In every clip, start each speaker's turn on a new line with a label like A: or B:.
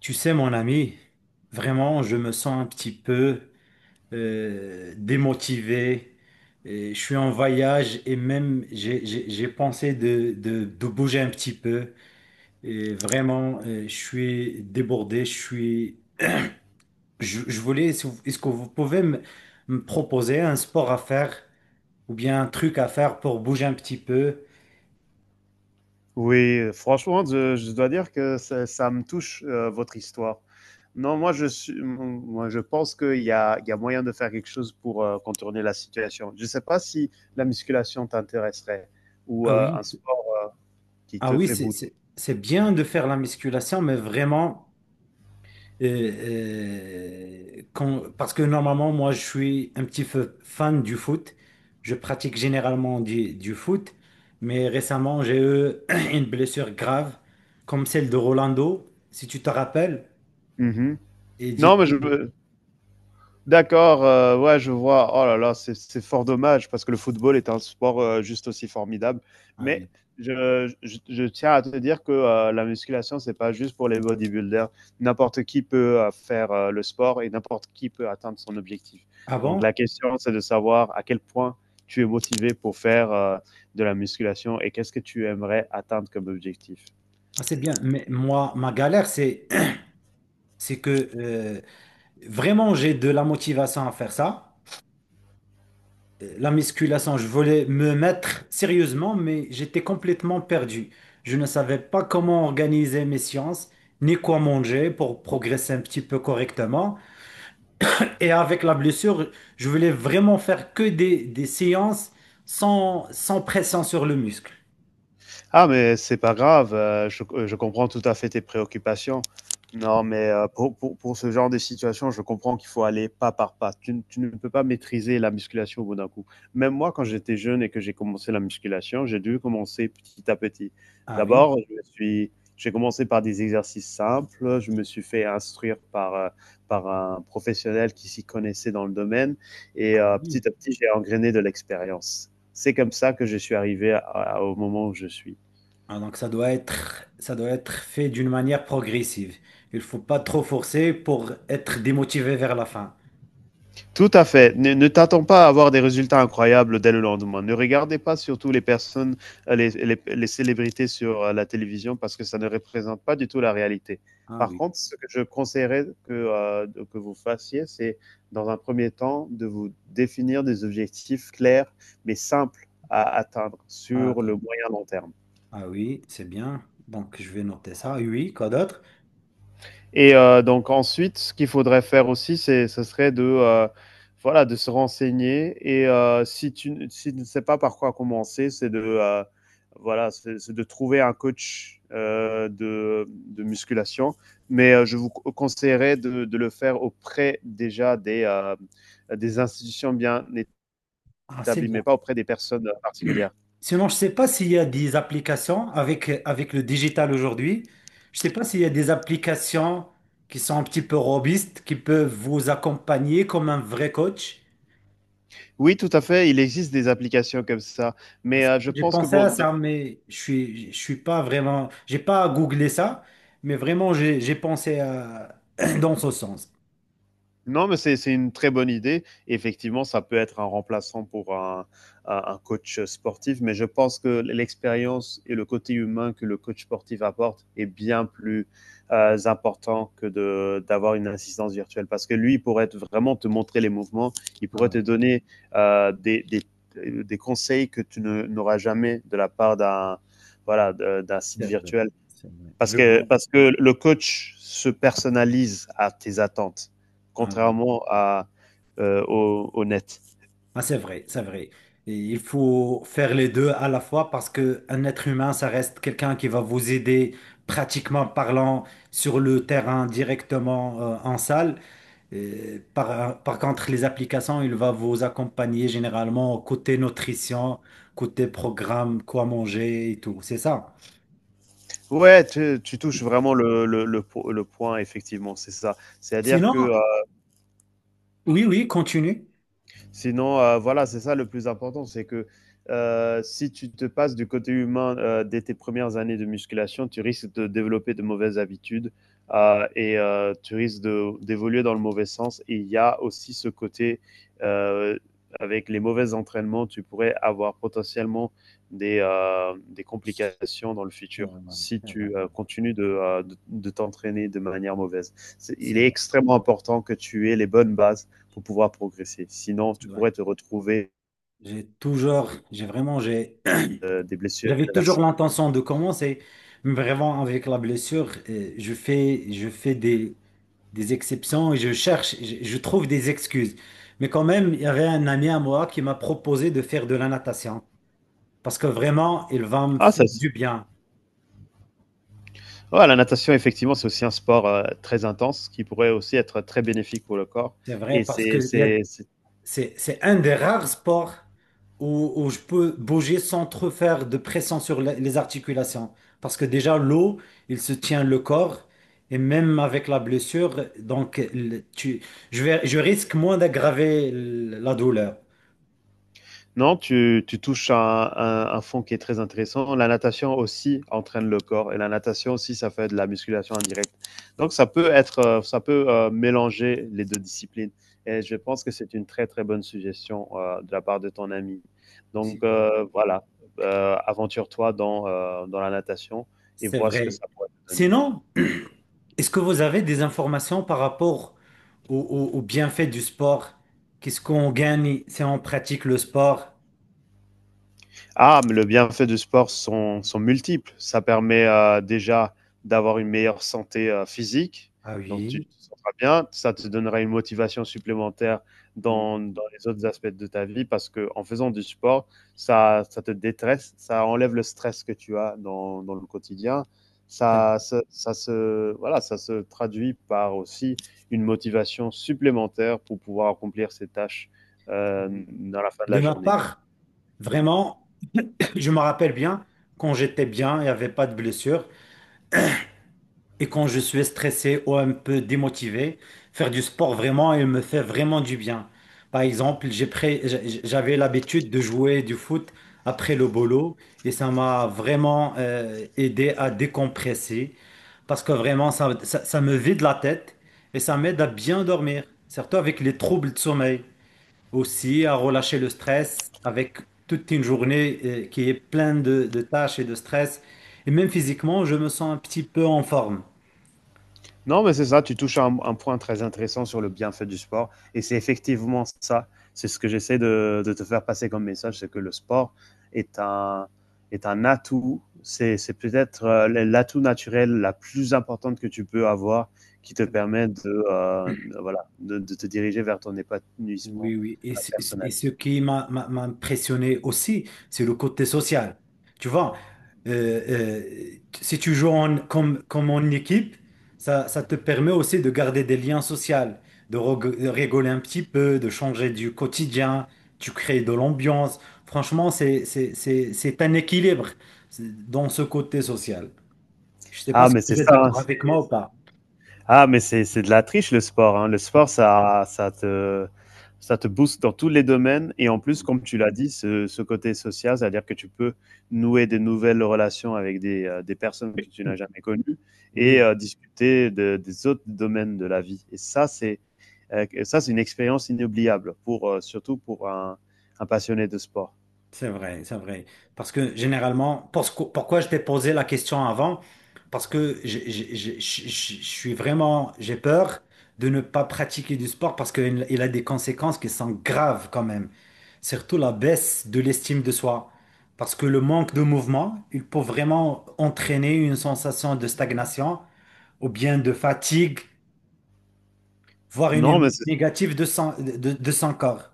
A: Tu sais, mon ami, vraiment, je me sens un petit peu démotivé. Et je suis en voyage et même j'ai pensé de bouger un petit peu. Et vraiment, je suis débordé. Je suis. Je voulais. Est-ce que vous pouvez me proposer un sport à faire ou bien un truc à faire pour bouger un petit peu?
B: Oui, franchement, je dois dire que ça me touche, votre histoire. Non, moi, moi, je pense qu'il y a moyen de faire quelque chose pour contourner la situation. Je ne sais pas si la musculation t'intéresserait ou
A: Ah oui,
B: un sport qui
A: ah
B: te
A: oui,
B: fait bouger.
A: c'est bien de faire la musculation, mais vraiment. Parce que normalement, moi, je suis un petit peu fan du foot. Je pratique généralement du foot, mais récemment, j'ai eu une blessure grave, comme celle de Rolando, si tu te rappelles.
B: Mhm.
A: Et du
B: Non, mais je,
A: coup,
B: D'accord, ouais, je vois. Oh là là, c'est fort dommage parce que le football est un sport juste aussi formidable.
A: ah
B: Mais
A: oui.
B: je tiens à te dire que la musculation, c'est pas juste pour les bodybuilders. N'importe qui peut faire le sport et n'importe qui peut atteindre son objectif.
A: Ah
B: Donc
A: bon?
B: la question, c'est de savoir à quel point tu es motivé pour faire de la musculation et qu'est-ce que tu aimerais atteindre comme objectif.
A: Ah, c'est bien. Mais moi, ma galère, c'est, c'est que vraiment, j'ai de la motivation à faire ça. La musculation, je voulais me mettre sérieusement, mais j'étais complètement perdu. Je ne savais pas comment organiser mes séances, ni quoi manger pour progresser un petit peu correctement. Et avec la blessure, je voulais vraiment faire que des séances sans pression sur le muscle.
B: Ah, mais c'est pas grave, je comprends tout à fait tes préoccupations. Non, mais pour ce genre de situation, je comprends qu'il faut aller pas par pas. Tu ne peux pas maîtriser la musculation au bout d'un coup. Même moi, quand j'étais jeune et que j'ai commencé la musculation, j'ai dû commencer petit à petit.
A: Ah oui,
B: D'abord, j'ai commencé par des exercices simples. Je me suis fait instruire par, par un professionnel qui s'y connaissait dans le domaine. Et
A: ah oui.
B: petit à petit, j'ai engrainé de l'expérience. C'est comme ça que je suis au moment où je suis.
A: Ah, donc ça doit être fait d'une manière progressive. Il faut pas trop forcer pour être démotivé vers la fin.
B: Tout à fait. Ne t'attends pas à avoir des résultats incroyables dès le lendemain. Ne regardez pas surtout les personnes, les célébrités sur la télévision parce que ça ne représente pas du tout la réalité.
A: Ah
B: Par
A: oui.
B: contre, ce que je conseillerais que vous fassiez, c'est dans un premier temps de vous définir des objectifs clairs mais simples à atteindre
A: Ah,
B: sur le
A: attends.
B: moyen long terme.
A: Ah oui, c'est bien. Donc, je vais noter ça. Oui, quoi d'autre?
B: Et donc ensuite, ce qu'il faudrait faire aussi, ce serait de, voilà, de se renseigner. Et si tu ne- si tu ne sais pas par quoi commencer, c'est de, voilà, c'est de trouver un coach de musculation. Mais je vous conseillerais de le faire auprès déjà des institutions bien
A: Ah, c'est
B: établies,
A: bien.
B: mais pas auprès des personnes particulières.
A: Sinon, je ne sais pas s'il y a des applications avec le digital aujourd'hui. Je ne sais pas s'il y a des applications qui sont un petit peu robustes, qui peuvent vous accompagner comme un vrai coach.
B: Oui, tout à fait. Il existe des applications comme ça.
A: Ah,
B: Mais
A: c'est-
B: je
A: j'ai
B: pense que
A: pensé à
B: pour,
A: ça, mais je suis pas vraiment, j'ai pas googlé ça, mais vraiment, j'ai pensé à- dans ce sens.
B: non, mais c'est une très bonne idée. Effectivement, ça peut être un remplaçant pour un, un coach sportif, mais je pense que l'expérience et le côté humain que le coach sportif apporte est bien plus important que de d'avoir une assistance virtuelle, parce que lui il pourrait vraiment te montrer les mouvements, il
A: Ah
B: pourrait te
A: oui,
B: donner euh, des, des, des conseils que tu ne- n'auras jamais de la part d'un voilà d'un site
A: c'est vrai,
B: virtuel.
A: c'est vrai. Je vois.
B: Parce que le coach se personnalise à tes attentes,
A: Ah oui.
B: contrairement à, au net.
A: Ah, c'est vrai, c'est vrai. Et il faut faire les deux à la fois parce que un être humain, ça reste quelqu'un qui va vous aider pratiquement parlant sur le terrain directement en salle. Et par contre, les applications, il va vous accompagner généralement côté nutrition, côté programme, quoi manger et tout. C'est ça.
B: Ouais, tu touches vraiment le point, effectivement, c'est ça. C'est-à-dire que
A: Sinon, oui, oui, continue.
B: sinon, voilà, c'est ça le plus important, c'est que si tu te passes du côté humain dès tes premières années de musculation, tu risques de développer de mauvaises habitudes tu risques d'évoluer dans le mauvais sens. Et il y a aussi ce côté, euh, avec les mauvais entraînements, tu pourrais avoir potentiellement des complications dans le futur si
A: Ouais, ouais, ouais,
B: tu continues de, de t'entraîner de manière mauvaise. C'est- il
A: c'est
B: est
A: vrai,
B: extrêmement important que tu aies les bonnes bases pour pouvoir progresser. Sinon,
A: c'est
B: tu
A: vrai.
B: pourrais te retrouver
A: J'ai toujours, j'ai vraiment, j'ai
B: des blessures
A: j'avais toujours
B: irréversibles.
A: l'intention de commencer, mais vraiment avec la blessure, je fais des exceptions et je cherche, je trouve des excuses. Mais quand même, il y avait un ami à moi qui m'a proposé de faire de la natation parce que vraiment, il va me
B: Ah, ça,
A: faire
B: c'est-
A: du bien.
B: ouais, la natation, effectivement, c'est aussi un sport très intense qui pourrait aussi être très bénéfique pour le corps.
A: C'est vrai,
B: Et
A: parce qu'il y a
B: c'est
A: c'est un des rares sports où je peux bouger sans trop faire de pression sur la- les articulations. Parce que déjà, l'eau, il se tient le corps. Et même avec la blessure, donc le- tu, je vais, je risque moins d'aggraver l- la douleur.
B: non, tu touches à un fond qui est très intéressant. La natation aussi entraîne le corps et la natation aussi, ça fait de la musculation indirecte. Donc, ça peut être, ça peut mélanger les deux disciplines. Et je pense que c'est une très, très bonne suggestion de la part de ton ami. Donc, voilà, aventure-toi dans, dans la natation et
A: C'est
B: vois ce que
A: vrai.
B: ça pourrait te donner.
A: Sinon, est-ce que vous avez des informations par rapport au, au- au bienfait du sport? Qu'est-ce qu'on gagne si on pratique le sport?
B: Ah, mais le bienfait du sport sont multiples. Ça permet déjà d'avoir une meilleure santé physique,
A: Ah
B: donc tu
A: oui.
B: te sentiras bien. Ça te donnera une motivation supplémentaire
A: Oui.
B: dans les autres aspects de ta vie parce que en faisant du sport, ça te détresse, ça enlève le stress que tu as dans le quotidien. Voilà, ça se traduit par aussi une motivation supplémentaire pour pouvoir accomplir ses tâches dans la fin de
A: De
B: la
A: ma
B: journée.
A: part. Vraiment, je me rappelle bien, quand j'étais bien, il n'y avait pas de blessure. Et quand je suis stressé ou un peu démotivé, faire du sport vraiment, il me fait vraiment du bien. Par exemple, j'avais l'habitude de jouer du foot après le boulot et ça m'a vraiment aidé à décompresser parce que vraiment, ça me vide la tête et ça m'aide à bien dormir, surtout avec les troubles de sommeil. Aussi à relâcher le stress avec toute une journée qui est pleine de tâches et de stress. Et même physiquement, je me sens un petit peu en forme.
B: Non, mais c'est ça, tu touches à un point très intéressant sur le bienfait du sport. Et c'est effectivement ça, c'est ce que j'essaie de te faire passer comme message, c'est que le sport est un, est un atout, c'est peut-être l'atout naturel la plus importante que tu peux avoir qui te permet de, voilà, de te diriger vers ton épanouissement
A: Oui, oui. Et
B: personnel.
A: ce qui m'a impressionné aussi, c'est le côté social. Tu vois, euh, si tu joues en- comme en équipe, ça te permet aussi de garder des liens sociaux, de rigoler un petit peu, de changer du quotidien, tu crées de l'ambiance. Franchement, c'est un équilibre dans ce côté social. Je ne sais pas
B: Ah,
A: si
B: mais c'est
A: vous êtes
B: ça, hein,
A: d'accord avec
B: c'est
A: moi ou pas.
B: ah, mais c'est de la triche le sport, hein. Le sport, ça ça te booste dans tous les domaines et en plus,
A: Oui,
B: comme tu l'as dit, ce côté social, c'est-à-dire que tu peux nouer des nouvelles relations avec des personnes que tu n'as jamais connues et
A: oui,
B: discuter de des autres domaines de la vie et ça, c'est, c'est une expérience inoubliable pour, surtout pour un passionné de sport.
A: c'est vrai, c'est vrai. Parce que généralement, parce que- pourquoi je t'ai posé la question avant? Parce que je suis vraiment, j'ai peur de ne pas pratiquer du sport parce qu'il il a des conséquences qui sont graves quand même. Surtout la baisse de l'estime de soi. Parce que le manque de mouvement, il peut vraiment entraîner une sensation de stagnation ou bien de fatigue, voire une
B: Non, mais
A: émotion
B: c'est
A: négative de son, de son corps.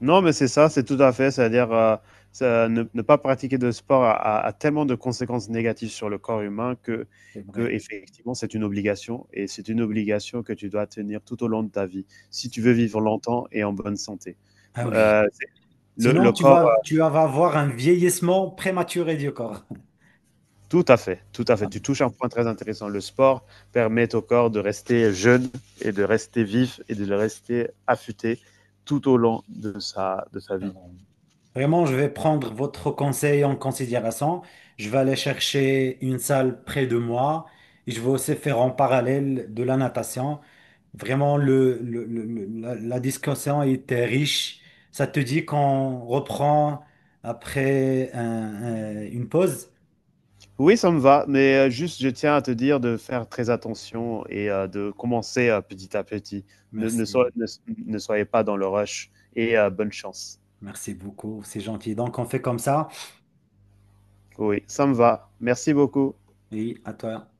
B: Non, mais c'est ça, c'est tout à fait. C'est-à-dire ne pas pratiquer de sport a tellement de conséquences négatives sur le corps humain
A: C'est
B: que
A: vrai.
B: effectivement, c'est une obligation et c'est une obligation que tu dois tenir tout au long de ta vie si
A: C'est
B: tu
A: vrai.
B: veux vivre longtemps et en bonne santé.
A: Ah oui.
B: Euh, c'est-
A: Sinon,
B: le corps,
A: tu vas avoir un vieillissement prématuré du corps.
B: tout à fait, tout à fait.
A: Ah,
B: Tu touches un point très intéressant. Le sport permet au corps de rester jeune et de rester vif et de le rester affûté tout au long de de sa vie.
A: alors, vraiment, je vais prendre votre conseil en considération. Je vais aller chercher une salle près de moi et je vais aussi faire en parallèle de la natation. Vraiment, la discussion était riche. Ça te dit qu'on reprend après un- une pause?
B: Oui, ça me va, mais juste, je tiens à te dire de faire très attention et de commencer, petit à petit. Ne ne
A: Merci,
B: soy ne Ne soyez pas dans le rush et bonne chance.
A: merci beaucoup, c'est gentil. Donc, on fait comme ça
B: Oui, ça me va. Merci beaucoup.
A: et à toi.